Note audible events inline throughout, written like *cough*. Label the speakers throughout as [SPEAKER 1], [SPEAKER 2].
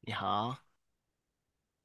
[SPEAKER 1] 你好，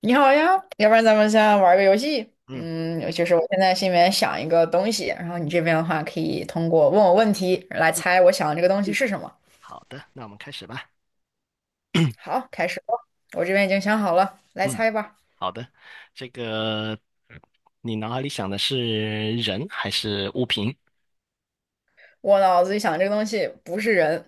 [SPEAKER 2] 你好呀，要不然咱们先玩个游戏。
[SPEAKER 1] 嗯，
[SPEAKER 2] 嗯，就是我现在心里面想一个东西，然后你这边的话可以通过问我问题来
[SPEAKER 1] 嗯，
[SPEAKER 2] 猜我想的这个东西是什么。
[SPEAKER 1] 好的，那我们开始吧。
[SPEAKER 2] 好，开始吧。我这边已经想好了，来
[SPEAKER 1] 嗯，
[SPEAKER 2] 猜吧。
[SPEAKER 1] 好的。这个你脑海里想的是人还是物品？
[SPEAKER 2] 我脑子里想这个东西不是人，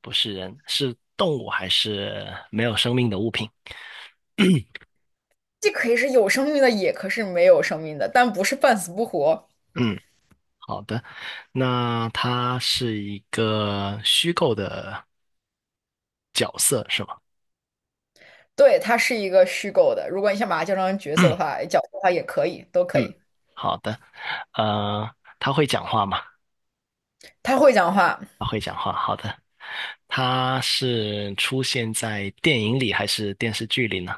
[SPEAKER 1] 不是人，是动物还是没有生命的物品？
[SPEAKER 2] 既可以是有生命的，也可是没有生命的，但不是半死不活。
[SPEAKER 1] 嗯，好的。那他是一个虚构的角色是吗？
[SPEAKER 2] 对，它是一个虚构的。如果你想把它叫成角
[SPEAKER 1] *clears throat*
[SPEAKER 2] 色
[SPEAKER 1] 嗯
[SPEAKER 2] 的话，哎角色的话也可以，都可
[SPEAKER 1] 嗯，
[SPEAKER 2] 以。
[SPEAKER 1] 好的。呃，他会讲话吗？
[SPEAKER 2] 它会讲话，
[SPEAKER 1] 他会讲话，好的。他是出现在电影里还是电视剧里呢？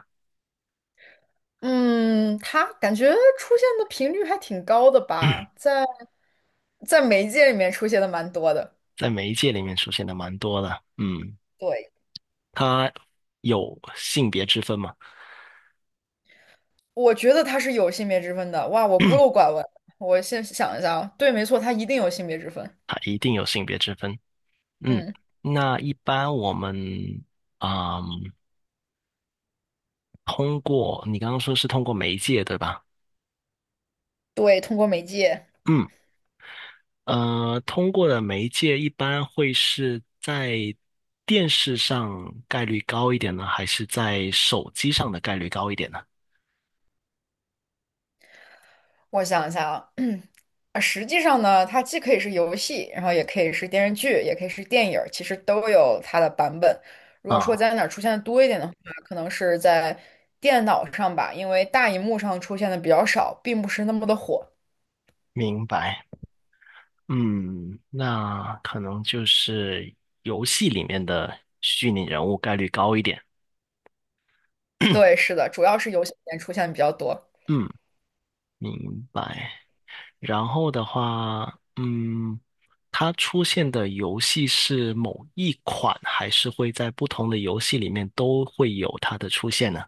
[SPEAKER 2] 嗯，它感觉出现的频率还挺高的吧，在媒介里面出现的蛮多的。
[SPEAKER 1] 在媒介里面出现的蛮多的。嗯，
[SPEAKER 2] 对，
[SPEAKER 1] 它有性别之分嘛？
[SPEAKER 2] 我觉得它是有性别之分的。哇，我孤陋寡闻。我先想一下啊，对，没错，它一定有性别之分。
[SPEAKER 1] 它一定有性别之分。嗯，
[SPEAKER 2] 嗯，
[SPEAKER 1] 那一般我们，嗯，通过你刚刚说是通过媒介对吧？
[SPEAKER 2] 对，通过媒介，
[SPEAKER 1] 嗯，通过的媒介一般会是在电视上概率高一点呢，还是在手机上的概率高一点呢？
[SPEAKER 2] 我想一下啊，*clears throat* 啊，实际上呢，它既可以是游戏，然后也可以是电视剧，也可以是电影儿，其实都有它的版本。如果说
[SPEAKER 1] 啊，
[SPEAKER 2] 在哪儿出现的多一点的话，可能是在电脑上吧，因为大荧幕上出现的比较少，并不是那么的火。
[SPEAKER 1] 明白。嗯，那可能就是游戏里面的虚拟人物概率高一点。
[SPEAKER 2] 对，
[SPEAKER 1] *clears throat*
[SPEAKER 2] 是的，主要是游戏里面出现的比较多。
[SPEAKER 1] 嗯，明白。然后的话，嗯，它出现的游戏是某一款，还是会在不同的游戏里面都会有它的出现呢？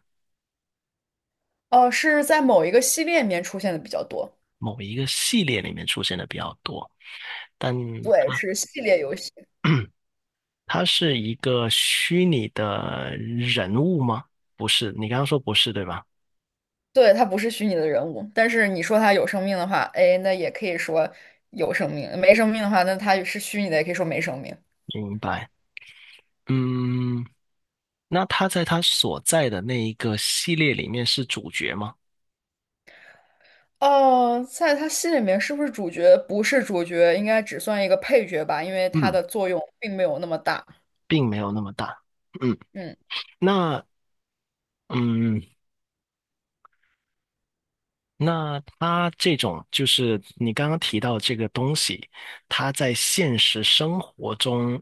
[SPEAKER 2] 哦，是在某一个系列里面出现的比较多。
[SPEAKER 1] 某一个系列里面出现的比较多，但
[SPEAKER 2] 对，
[SPEAKER 1] 它
[SPEAKER 2] 是系列游戏。
[SPEAKER 1] *clears throat* 它是一个虚拟的人物吗？不是，你刚刚说不是，对吧？
[SPEAKER 2] 对，它不是虚拟的人物，但是你说它有生命的话，哎，那也可以说有生命；没生命的话，那它是虚拟的，也可以说没生命。
[SPEAKER 1] 明白。嗯，那他在他所在的那一个系列里面是主角吗？
[SPEAKER 2] 哦，在它戏里面是不是主角？不是主角，应该只算一个配角吧，因为它
[SPEAKER 1] 嗯，
[SPEAKER 2] 的作用并没有那么大。
[SPEAKER 1] 并没有那么大。嗯，
[SPEAKER 2] 嗯，
[SPEAKER 1] 那嗯，那他这种就是你刚刚提到这个东西，它在现实生活中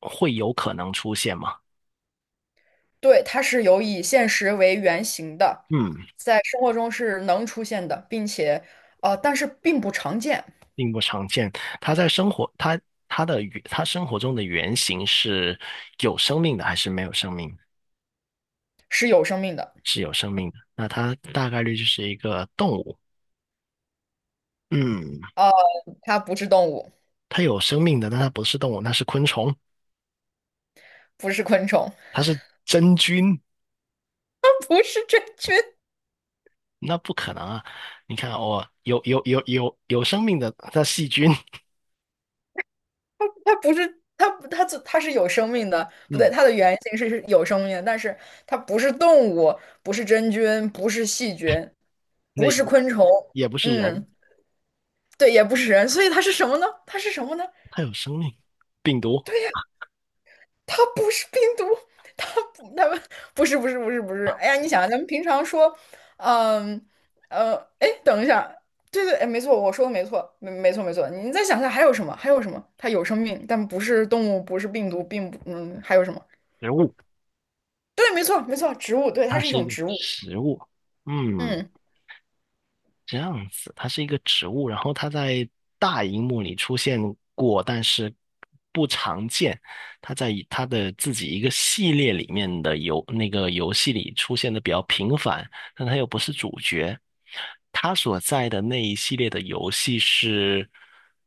[SPEAKER 1] 会有可能出现吗？
[SPEAKER 2] 对，它是有以现实为原型的，
[SPEAKER 1] 嗯，
[SPEAKER 2] 在生活中是能出现的，并且但是并不常见，
[SPEAKER 1] 并不常见。他在生活，他他生活中的原型是有生命的还是没有生命？
[SPEAKER 2] 是有生命的。
[SPEAKER 1] 是有生命的。那他大概率就是一个动物。嗯，
[SPEAKER 2] 哦，它不是动物，
[SPEAKER 1] 它有生命的，但它不是动物，那是昆虫，
[SPEAKER 2] 不是昆虫，
[SPEAKER 1] 它是真菌，
[SPEAKER 2] *laughs* 不是真菌，
[SPEAKER 1] 那不可能啊！你看，哦，有生命的，它细菌，
[SPEAKER 2] 它不是它它它是有生命的，不对，
[SPEAKER 1] 嗯，
[SPEAKER 2] 它的原型是有生命的，但是它不是动物，不是真菌，不是细菌，
[SPEAKER 1] 那
[SPEAKER 2] 不
[SPEAKER 1] 也
[SPEAKER 2] 是
[SPEAKER 1] 不
[SPEAKER 2] 昆虫，
[SPEAKER 1] 也不是人，
[SPEAKER 2] 嗯，对，也不是人，所以它是什么呢？它是什么呢？
[SPEAKER 1] 它有生命，病毒，
[SPEAKER 2] 它不是病毒，它它们不是不是不是不是。哎呀，你想啊咱们平常说，嗯哎，等一下，对对，哎，没错，我说的没错，没错没错。你再想想还有什么？还有什么？它有生命，但不是动物，不是病毒，并不，嗯，还有什么？
[SPEAKER 1] 植物，
[SPEAKER 2] 对，没错没错，植物，对，它
[SPEAKER 1] 它
[SPEAKER 2] 是一
[SPEAKER 1] 是一
[SPEAKER 2] 种
[SPEAKER 1] 个
[SPEAKER 2] 植物。
[SPEAKER 1] 食物，嗯，
[SPEAKER 2] 嗯
[SPEAKER 1] 这样子，它是一个植物，然后它在大荧幕里出现过，但是不常见。它在以它的自己一个系列里面的那个游戏里出现的比较频繁，但它又不是主角。它所在的那一系列的游戏是，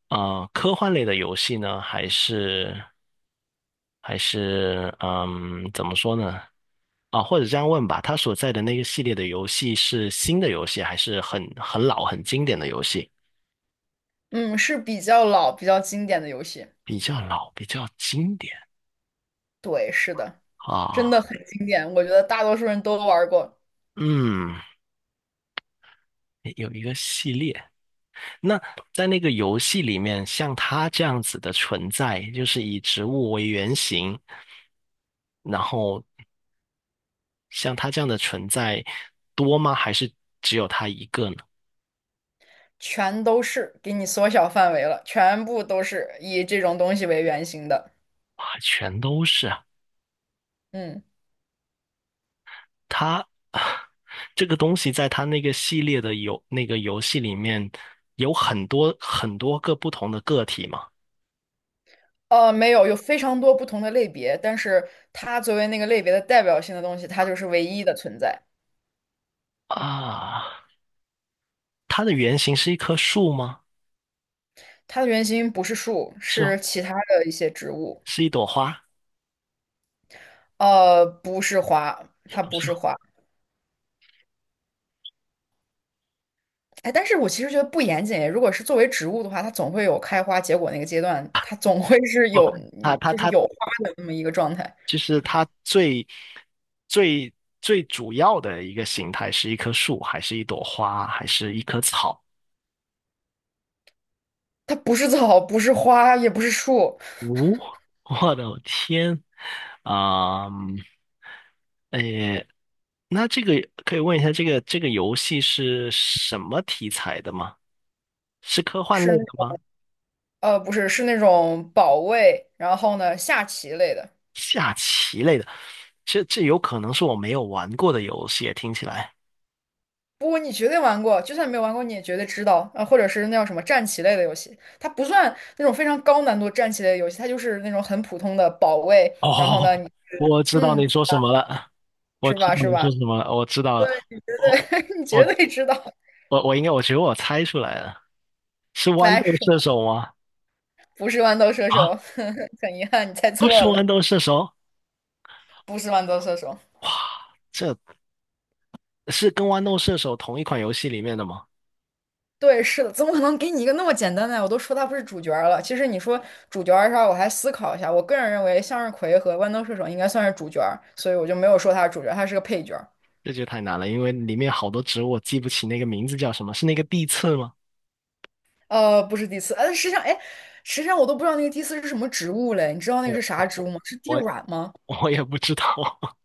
[SPEAKER 1] 科幻类的游戏呢，还是怎么说呢？啊，或者这样问吧，他所在的那个系列的游戏是新的游戏，还是很老、很经典的游戏？
[SPEAKER 2] 嗯，是比较老、比较经典的游戏。
[SPEAKER 1] 比较老，比较经典
[SPEAKER 2] 对，是的，真的
[SPEAKER 1] 啊。
[SPEAKER 2] 很经典，我觉得大多数人都玩过。
[SPEAKER 1] 嗯，有一个系列。那在那个游戏里面，像他这样子的存在，就是以植物为原型，然后像他这样的存在多吗？还是只有他一个呢？
[SPEAKER 2] 全都是，给你缩小范围了，全部都是以这种东西为原型的。
[SPEAKER 1] 啊，全都是啊。
[SPEAKER 2] 嗯，
[SPEAKER 1] 它 *sighs* 这个东西在它那个系列的那个游戏里面有很多个不同的个体嘛。
[SPEAKER 2] 没有，有非常多不同的类别，但是它作为那个类别的代表性的东西，它就是唯一的存在。
[SPEAKER 1] 啊，它的原型是一棵树吗？
[SPEAKER 2] 它的原型不是树，
[SPEAKER 1] 是哦，
[SPEAKER 2] 是其他的一些植物。
[SPEAKER 1] 是一朵花，
[SPEAKER 2] 不是花，
[SPEAKER 1] 也
[SPEAKER 2] 它
[SPEAKER 1] 不
[SPEAKER 2] 不
[SPEAKER 1] 是
[SPEAKER 2] 是花。哎，但是我其实觉得不严谨。如果是作为植物的话，它总会有开花结果那个阶段，它总会是
[SPEAKER 1] 哦。
[SPEAKER 2] 有，
[SPEAKER 1] 它它
[SPEAKER 2] 就是
[SPEAKER 1] 它
[SPEAKER 2] 有花的那么一个状态。
[SPEAKER 1] 就是它最最主要的一个形态是一棵树，还是一朵花，还是一棵草？
[SPEAKER 2] 它不是草，不是花，也不是树。
[SPEAKER 1] 哦，*laughs* 我的天，啊、嗯，诶那这个可以问一下，这个这个游戏是什么题材的吗？是科幻
[SPEAKER 2] 是。
[SPEAKER 1] 类的吗？
[SPEAKER 2] 不是，是那种保卫，然后呢，下棋类的。
[SPEAKER 1] 下棋类的？这这有可能是我没有玩过的游戏，听起来。
[SPEAKER 2] 不过你绝对玩过，就算没有玩过，你也绝对知道。或者是那叫什么战棋类的游戏，它不算那种非常高难度战棋类的游戏，它就是那种很普通的保卫。
[SPEAKER 1] *laughs*
[SPEAKER 2] 然后呢，
[SPEAKER 1] 哦，
[SPEAKER 2] 你
[SPEAKER 1] 我知道
[SPEAKER 2] 嗯，
[SPEAKER 1] 你说什么了，我
[SPEAKER 2] 是
[SPEAKER 1] 知
[SPEAKER 2] 吧？
[SPEAKER 1] 道
[SPEAKER 2] 是
[SPEAKER 1] 你
[SPEAKER 2] 吧？
[SPEAKER 1] 说什么了，我知道了，我
[SPEAKER 2] 对，*laughs* 你绝
[SPEAKER 1] 我
[SPEAKER 2] 对知道。
[SPEAKER 1] 我应该，我觉得我猜出来了，是
[SPEAKER 2] *laughs*
[SPEAKER 1] 豌
[SPEAKER 2] 来，
[SPEAKER 1] 豆
[SPEAKER 2] 是
[SPEAKER 1] 射手吗？
[SPEAKER 2] 不是豌豆射
[SPEAKER 1] 啊，
[SPEAKER 2] 手？*laughs* 很遗憾，你猜
[SPEAKER 1] 不是
[SPEAKER 2] 错
[SPEAKER 1] 豌
[SPEAKER 2] 了，
[SPEAKER 1] 豆射手，
[SPEAKER 2] 不是豌豆射手。
[SPEAKER 1] 哇，这是跟豌豆射手同一款游戏里面的吗？
[SPEAKER 2] 对，是的，怎么可能给你一个那么简单的呀我都说他不是主角儿了。其实你说主角儿上，我还思考一下。我个人认为，向日葵和豌豆射手应该算是主角儿所以我就没有说他是主角儿，他是个配角儿
[SPEAKER 1] 这就太难了，因为里面好多植物我记不起那个名字叫什么，是那个地刺吗？
[SPEAKER 2] 不是第四，实际上，哎，实际上我都不知道那个第四是什么植物嘞。你知道那
[SPEAKER 1] 哎
[SPEAKER 2] 个是
[SPEAKER 1] 呦，
[SPEAKER 2] 啥植物吗？是地
[SPEAKER 1] 我
[SPEAKER 2] 软吗？
[SPEAKER 1] 我也不知道，*laughs*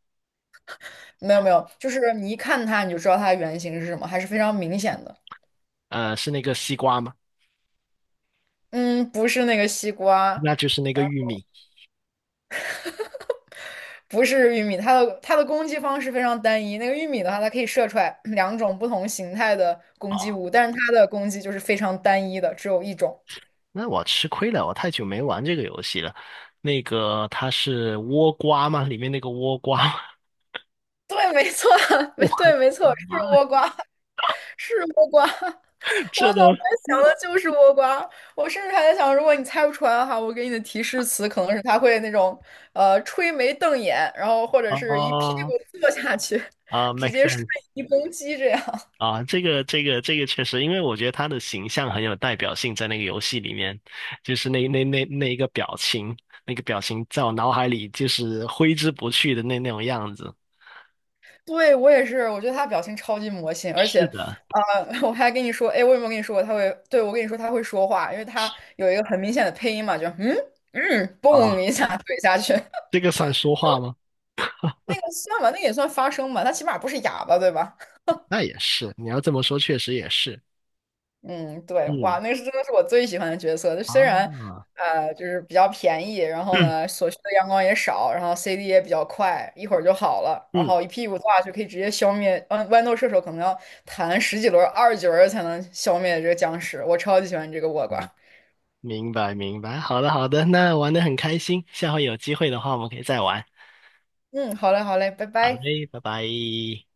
[SPEAKER 2] 没有没有，就是你一看它你就知道它的原型是什么，还是非常明显的。
[SPEAKER 1] 是那个西瓜吗？
[SPEAKER 2] 嗯，不是那个西瓜，
[SPEAKER 1] 那就是那个玉米。
[SPEAKER 2] 不是玉米，它的攻击方式非常单一。那个玉米的话，它可以射出来两种不同形态的攻击
[SPEAKER 1] 哦，
[SPEAKER 2] 物，但是它的攻击就是非常单一的，只有一种。
[SPEAKER 1] 那我吃亏了，我太久没玩这个游戏了。那个它是倭瓜吗？里面那个倭瓜吗
[SPEAKER 2] 对，没错，*laughs*
[SPEAKER 1] *laughs* 我的
[SPEAKER 2] 没错，是
[SPEAKER 1] 妈，
[SPEAKER 2] 倭瓜，是倭瓜。*laughs* 我
[SPEAKER 1] 这
[SPEAKER 2] 脑
[SPEAKER 1] 都
[SPEAKER 2] 袋想的就是倭瓜，我甚至还在想，如果你猜不出来的话，我给你的提示词可能是它会那种吹眉瞪眼，然后或者是一屁
[SPEAKER 1] 啊
[SPEAKER 2] 股坐下去，直
[SPEAKER 1] make
[SPEAKER 2] 接瞬
[SPEAKER 1] sense。
[SPEAKER 2] 移攻击这样。
[SPEAKER 1] 啊，这个这个确实，因为我觉得他的形象很有代表性，在那个游戏里面，就是那一个表情，那个表情在我脑海里就是挥之不去的那种样子。
[SPEAKER 2] 对，我也是，我觉得他表情超级魔性，而且，
[SPEAKER 1] 是的，
[SPEAKER 2] *laughs* 我还跟你说，哎，我有没有跟你说过他会？对，我跟你说他会说话，因为他有一个很明显的配音嘛，就嘣
[SPEAKER 1] 啊，
[SPEAKER 2] 一下怼下去，
[SPEAKER 1] 这个算说话吗？
[SPEAKER 2] *laughs* 那个算吧，那个也算发声吧，他起码不是哑巴，对吧？
[SPEAKER 1] 那也是，你要这么说，确实也是。
[SPEAKER 2] 嗯，对，哇，
[SPEAKER 1] 嗯，
[SPEAKER 2] 那是真的是我最喜欢的角色。就虽然
[SPEAKER 1] 啊，
[SPEAKER 2] 就是比较便宜，然后呢，
[SPEAKER 1] *clears throat*
[SPEAKER 2] 所需的阳光也少，然后 CD 也比较快，一会儿就好了，然
[SPEAKER 1] 嗯，
[SPEAKER 2] 后一屁股坐下去可以直接消灭。豌豆射手可能要弹十几轮、二十几轮才能消灭这个僵尸。我超级喜欢这个倭瓜。
[SPEAKER 1] 明白明白。好的好的，那玩的很开心，下回有机会的话，我们可以再玩。
[SPEAKER 2] 嗯，好嘞，好嘞，拜
[SPEAKER 1] 好
[SPEAKER 2] 拜。
[SPEAKER 1] 嘞，拜拜。